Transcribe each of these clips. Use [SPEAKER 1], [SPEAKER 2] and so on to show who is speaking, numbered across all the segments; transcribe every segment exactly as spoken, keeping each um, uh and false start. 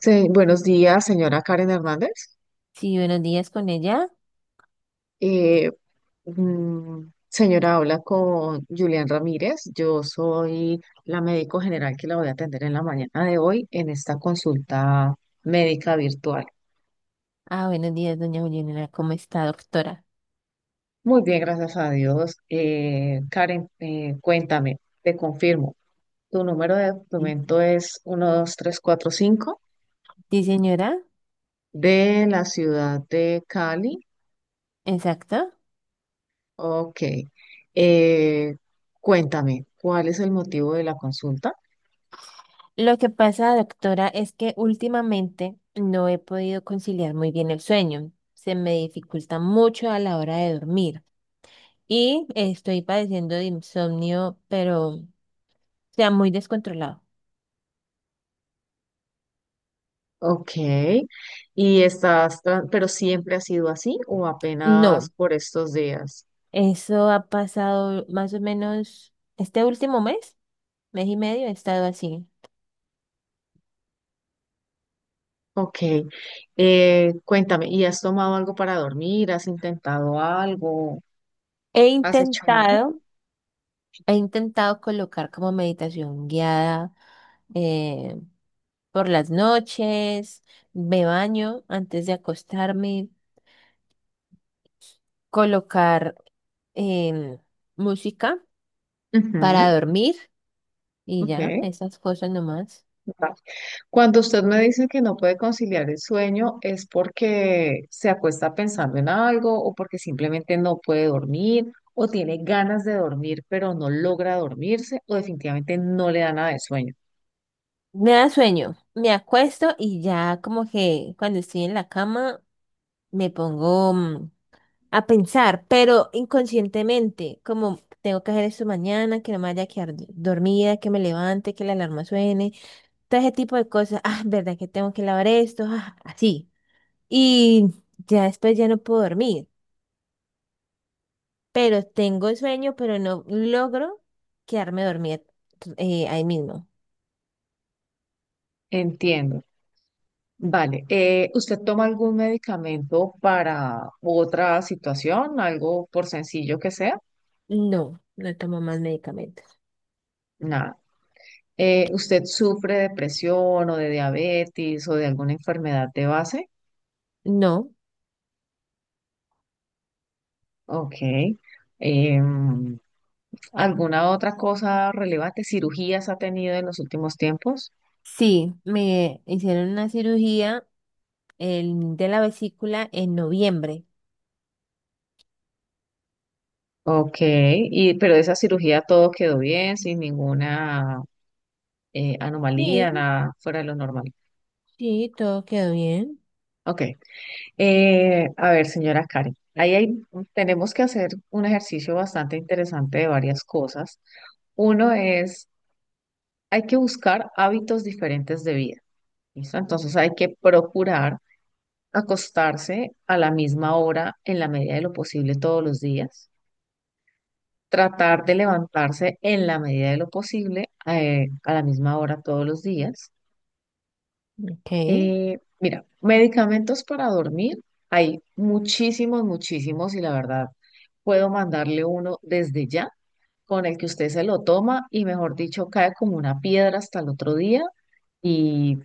[SPEAKER 1] Se- buenos días, señora Karen Hernández.
[SPEAKER 2] Sí, buenos días con ella.
[SPEAKER 1] Eh, mm, Señora, habla con Julián Ramírez. Yo soy la médico general que la voy a atender en la mañana de hoy en esta consulta médica virtual.
[SPEAKER 2] Ah, buenos días, doña Juliana. ¿Cómo está, doctora?
[SPEAKER 1] Muy bien, gracias a Dios. Eh, Karen, eh, cuéntame, te confirmo. Tu número de
[SPEAKER 2] Sí,
[SPEAKER 1] documento es uno dos tres cuatro cinco
[SPEAKER 2] Sí, señora.
[SPEAKER 1] de la ciudad de Cali.
[SPEAKER 2] Exacto.
[SPEAKER 1] Ok. Eh, Cuéntame, ¿cuál es el motivo de la consulta?
[SPEAKER 2] Lo que pasa, doctora, es que últimamente no he podido conciliar muy bien el sueño. Se me dificulta mucho a la hora de dormir y estoy padeciendo de insomnio, pero, o sea, muy descontrolado.
[SPEAKER 1] Ok. ¿Y estás, tra- pero siempre ha sido así o apenas
[SPEAKER 2] No,
[SPEAKER 1] por estos días?
[SPEAKER 2] eso ha pasado más o menos este último mes, mes y medio, he estado así.
[SPEAKER 1] Ok. Eh, cuéntame, ¿y has tomado algo para dormir? ¿Has intentado algo?
[SPEAKER 2] He
[SPEAKER 1] ¿Has hecho algo?
[SPEAKER 2] intentado He intentado colocar como meditación guiada, eh, por las noches, me baño antes de acostarme, colocar, em, música para
[SPEAKER 1] Ujú.
[SPEAKER 2] dormir y
[SPEAKER 1] Ok.
[SPEAKER 2] ya, esas cosas nomás.
[SPEAKER 1] Va. Cuando usted me dice que no puede conciliar el sueño, ¿es porque se acuesta pensando en algo o porque simplemente no puede dormir o tiene ganas de dormir pero no logra dormirse o definitivamente no le da nada de sueño?
[SPEAKER 2] Me da sueño, me acuesto y ya como que cuando estoy en la cama me pongo mm, a pensar, pero inconscientemente, como tengo que hacer esto mañana, que no me vaya a quedar d- dormida, que me levante, que la alarma suene, todo ese tipo de cosas. Ah, verdad que tengo que lavar esto, ah, así. Y ya después ya no puedo dormir, pero tengo sueño, pero no logro quedarme dormida eh, ahí mismo.
[SPEAKER 1] Entiendo. Vale, eh, ¿usted toma algún medicamento para otra situación, algo por sencillo que sea?
[SPEAKER 2] No, no tomo más medicamentos.
[SPEAKER 1] Nada. Eh, ¿usted sufre de presión o de diabetes o de alguna enfermedad de base?
[SPEAKER 2] No,
[SPEAKER 1] Ok. Em, ¿Alguna otra cosa relevante? ¿Cirugías ha tenido en los últimos tiempos?
[SPEAKER 2] sí, me hicieron una cirugía, el, de la vesícula en noviembre.
[SPEAKER 1] Ok, y, pero esa cirugía todo quedó bien, sin ninguna eh, anomalía,
[SPEAKER 2] Sí,
[SPEAKER 1] nada fuera de lo normal.
[SPEAKER 2] sí, todo quedó bien.
[SPEAKER 1] Ok. Eh, a ver, señora Karen, ahí hay, tenemos que hacer un ejercicio bastante interesante de varias cosas. Uno es, hay que buscar hábitos diferentes de vida, ¿listo? Entonces hay que procurar acostarse a la misma hora en la medida de lo posible todos los días, tratar de levantarse en la medida de lo posible eh, a la misma hora todos los días.
[SPEAKER 2] Ok.
[SPEAKER 1] Eh, mira, medicamentos para dormir, hay muchísimos, muchísimos y la verdad puedo mandarle uno desde ya con el que usted se lo toma y mejor dicho cae como una piedra hasta el otro día y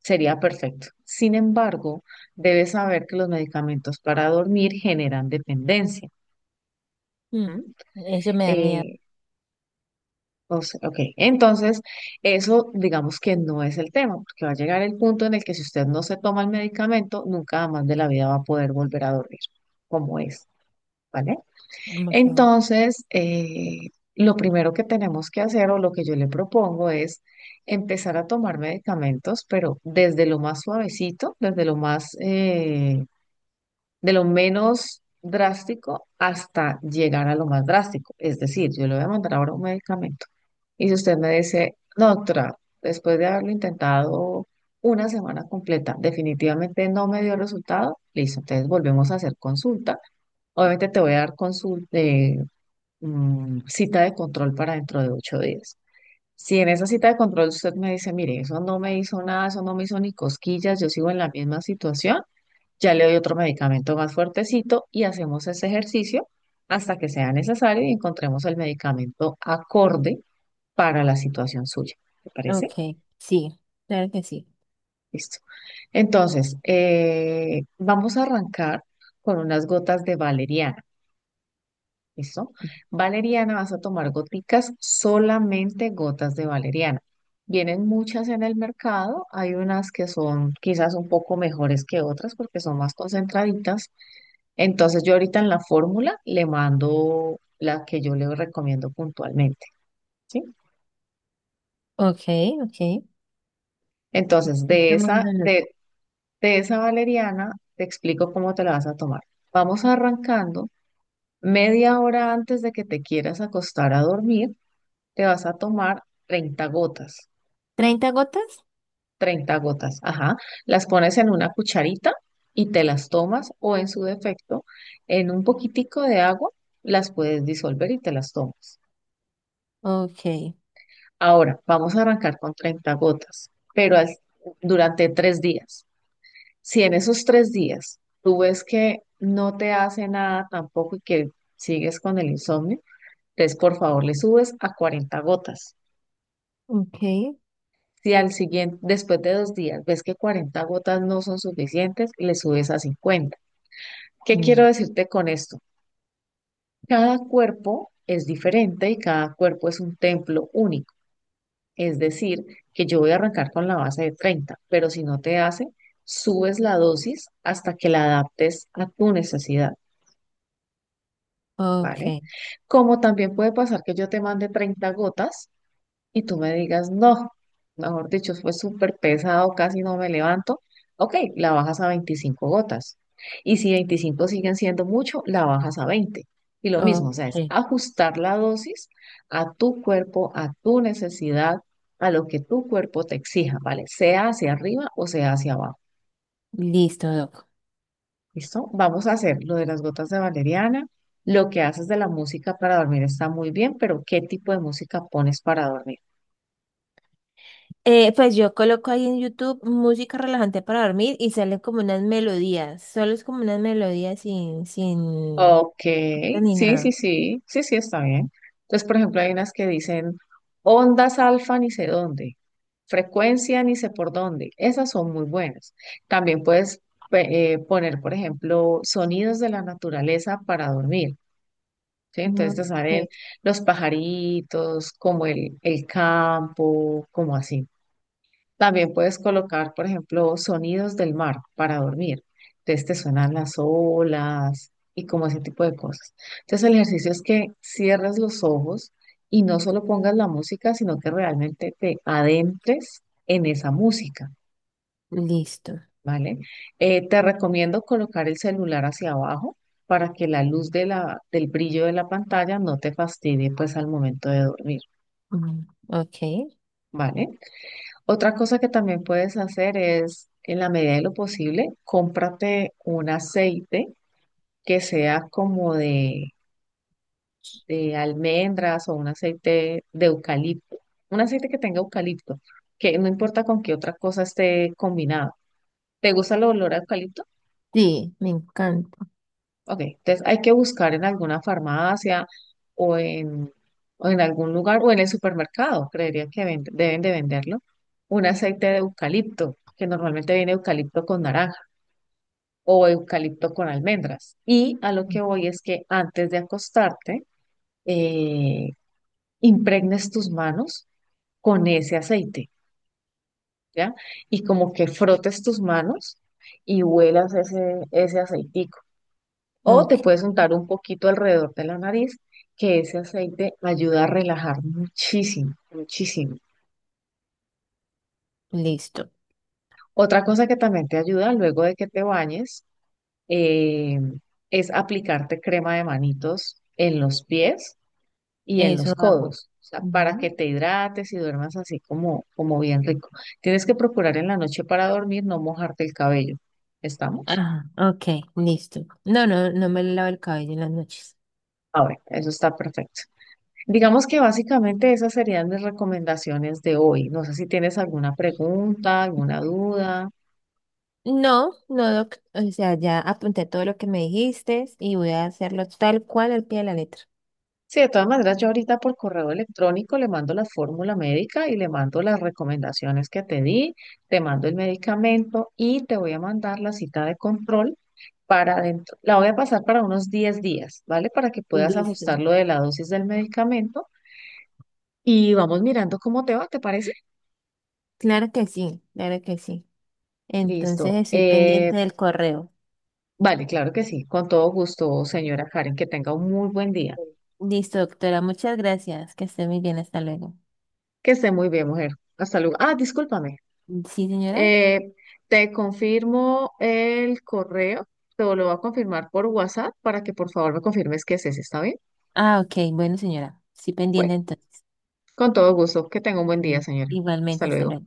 [SPEAKER 1] sería perfecto. Sin embargo, debe saber que los medicamentos para dormir generan dependencia.
[SPEAKER 2] Mm.
[SPEAKER 1] ¿M?
[SPEAKER 2] Eso me da miedo.
[SPEAKER 1] Eh, O sea, ok, entonces eso digamos que no es el tema, porque va a llegar el punto en el que si usted no se toma el medicamento, nunca más de la vida va a poder volver a dormir, como es, ¿vale?
[SPEAKER 2] Ok,
[SPEAKER 1] Entonces, eh, lo primero que tenemos que hacer o lo que yo le propongo es empezar a tomar medicamentos, pero desde lo más suavecito, desde lo más, eh, de lo menos drástico hasta llegar a lo más drástico. Es decir, yo le voy a mandar ahora un medicamento. Y si usted me dice, no, doctora, después de haberlo intentado una semana completa, definitivamente no me dio resultado, listo, entonces volvemos a hacer consulta. Obviamente te voy a dar consulta, cita de control para dentro de ocho días. Si en esa cita de control usted me dice, mire, eso no me hizo nada, eso no me hizo ni cosquillas, yo sigo en la misma situación, ya le doy otro medicamento más fuertecito y hacemos ese ejercicio hasta que sea necesario y encontremos el medicamento acorde para la situación suya. ¿Te parece?
[SPEAKER 2] ok, sí, claro que sí.
[SPEAKER 1] Listo. Entonces, eh, vamos a arrancar con unas gotas de valeriana. ¿Listo? Valeriana, vas a tomar goticas, solamente gotas de valeriana. Vienen muchas en el mercado, hay unas que son quizás un poco mejores que otras porque son más concentraditas. Entonces yo ahorita en la fórmula le mando la que yo le recomiendo puntualmente, ¿sí?
[SPEAKER 2] Ok, ok.
[SPEAKER 1] Entonces de
[SPEAKER 2] Está
[SPEAKER 1] esa,
[SPEAKER 2] mandando…
[SPEAKER 1] de, de esa valeriana te explico cómo te la vas a tomar. Vamos arrancando media hora antes de que te quieras acostar a dormir, te vas a tomar treinta gotas,
[SPEAKER 2] ¿treinta gotas?
[SPEAKER 1] treinta gotas, ajá. Las pones en una cucharita y te las tomas o en su defecto en un poquitico de agua las puedes disolver y te las tomas.
[SPEAKER 2] Ok,
[SPEAKER 1] Ahora, vamos a arrancar con treinta gotas, pero al- durante tres días. Si en esos tres días tú ves que no te hace nada tampoco y que sigues con el insomnio, entonces por favor le subes a cuarenta gotas.
[SPEAKER 2] ok,
[SPEAKER 1] Si al siguiente, después de dos días, ves que cuarenta gotas no son suficientes, le subes a cincuenta. ¿Qué quiero
[SPEAKER 2] mm,
[SPEAKER 1] decirte con esto? Cada cuerpo es diferente y cada cuerpo es un templo único. Es decir, que yo voy a arrancar con la base de treinta, pero si no te hace, subes la dosis hasta que la adaptes a tu necesidad,
[SPEAKER 2] ok,
[SPEAKER 1] ¿vale? Como también puede pasar que yo te mande treinta gotas y tú me digas, no, mejor dicho, fue súper pesado, casi no me levanto, ok, la bajas a veinticinco gotas. Y si veinticinco siguen siendo mucho, la bajas a veinte. Y lo mismo, o sea, es
[SPEAKER 2] ok.
[SPEAKER 1] ajustar la dosis a tu cuerpo, a tu necesidad, a lo que tu cuerpo te exija, ¿vale? Sea hacia arriba o sea hacia abajo.
[SPEAKER 2] Listo, doc.
[SPEAKER 1] ¿Listo? Vamos a hacer lo de las gotas de valeriana. Lo que haces de la música para dormir está muy bien, pero ¿qué tipo de música pones para dormir?
[SPEAKER 2] Eh, pues yo coloco ahí en YouTube música relajante para dormir y salen como unas melodías. Solo es como unas melodías sin, sin
[SPEAKER 1] Ok,
[SPEAKER 2] corte ni
[SPEAKER 1] sí, sí,
[SPEAKER 2] nada.
[SPEAKER 1] sí, sí, sí, está bien. Entonces, por ejemplo, hay unas que dicen ondas alfa ni sé dónde, frecuencia ni sé por dónde. Esas son muy buenas. También puedes pe- eh, poner, por ejemplo, sonidos de la naturaleza para dormir, ¿sí? Entonces te salen
[SPEAKER 2] Ok,
[SPEAKER 1] los pajaritos, como el, el campo, como así. También puedes colocar, por ejemplo, sonidos del mar para dormir. Entonces te suenan las olas y como ese tipo de cosas. Entonces el ejercicio es que cierres los ojos y no solo pongas la música, sino que realmente te adentres en esa música,
[SPEAKER 2] listo.
[SPEAKER 1] ¿vale? Eh, te recomiendo colocar el celular hacia abajo para que la luz de la, del brillo de la pantalla no te fastidie pues al momento de dormir,
[SPEAKER 2] Mm. Ok,
[SPEAKER 1] ¿vale? Otra cosa que también puedes hacer es, en la medida de lo posible, cómprate un aceite que sea como de, de almendras o un aceite de eucalipto, un aceite que tenga eucalipto, que no importa con qué otra cosa esté combinado. ¿Te gusta el olor a eucalipto?
[SPEAKER 2] sí, me encanta.
[SPEAKER 1] Ok, entonces hay que buscar en alguna farmacia o en, o en algún lugar o en el supermercado, creería que vend- deben de venderlo, un aceite de eucalipto, que normalmente viene eucalipto con naranja o eucalipto con almendras. Y a lo que voy es que antes de acostarte, eh, impregnes tus manos con ese aceite, ¿ya? Y como que frotes tus manos y huelas ese, ese aceitico. O te
[SPEAKER 2] Ok,
[SPEAKER 1] puedes untar un poquito alrededor de la nariz, que ese aceite ayuda a relajar muchísimo, muchísimo.
[SPEAKER 2] listo.
[SPEAKER 1] Otra cosa que también te ayuda luego de que te bañes eh, es aplicarte crema de manitos en los pies y en
[SPEAKER 2] Eso
[SPEAKER 1] los
[SPEAKER 2] hago.
[SPEAKER 1] codos, o sea, para que
[SPEAKER 2] Ujú.
[SPEAKER 1] te hidrates y duermas así como, como bien rico. Tienes que procurar en la noche para dormir no mojarte el cabello. ¿Estamos?
[SPEAKER 2] Ajá, ok, listo. No, no, no me lavo el cabello en las noches.
[SPEAKER 1] Ahora, eso está perfecto. Digamos que básicamente esas serían mis recomendaciones de hoy. No sé si tienes alguna pregunta, alguna duda.
[SPEAKER 2] No, no, doc. O sea, ya apunté todo lo que me dijiste y voy a hacerlo tal cual al pie de la letra.
[SPEAKER 1] Sí, de todas maneras, yo ahorita por correo electrónico le mando la fórmula médica y le mando las recomendaciones que te di, te mando el medicamento y te voy a mandar la cita de control para dentro. La voy a pasar para unos diez días, ¿vale? Para que puedas
[SPEAKER 2] Listo.
[SPEAKER 1] ajustar lo de la dosis del medicamento y vamos mirando cómo te va, ¿te parece?
[SPEAKER 2] Claro que sí, claro que sí. Entonces
[SPEAKER 1] Listo.
[SPEAKER 2] estoy
[SPEAKER 1] Eh,
[SPEAKER 2] pendiente del correo.
[SPEAKER 1] vale, claro que sí. Con todo gusto, señora Karen, que tenga un muy buen día.
[SPEAKER 2] Listo, doctora, muchas gracias. Que esté muy bien, hasta luego.
[SPEAKER 1] Que esté muy bien, mujer. Hasta luego. Ah, discúlpame.
[SPEAKER 2] ¿Sí, señora?
[SPEAKER 1] Eh, Te confirmo el correo. Te lo voy a confirmar por WhatsApp para que por favor me confirmes que es ese, ¿está bien?
[SPEAKER 2] Ah, ok, bueno, señora. Sí,
[SPEAKER 1] Bueno,
[SPEAKER 2] pendiente entonces.
[SPEAKER 1] con todo gusto. Que tenga un buen día,
[SPEAKER 2] Mm.
[SPEAKER 1] señora. Hasta
[SPEAKER 2] Igualmente, hasta
[SPEAKER 1] luego.
[SPEAKER 2] luego.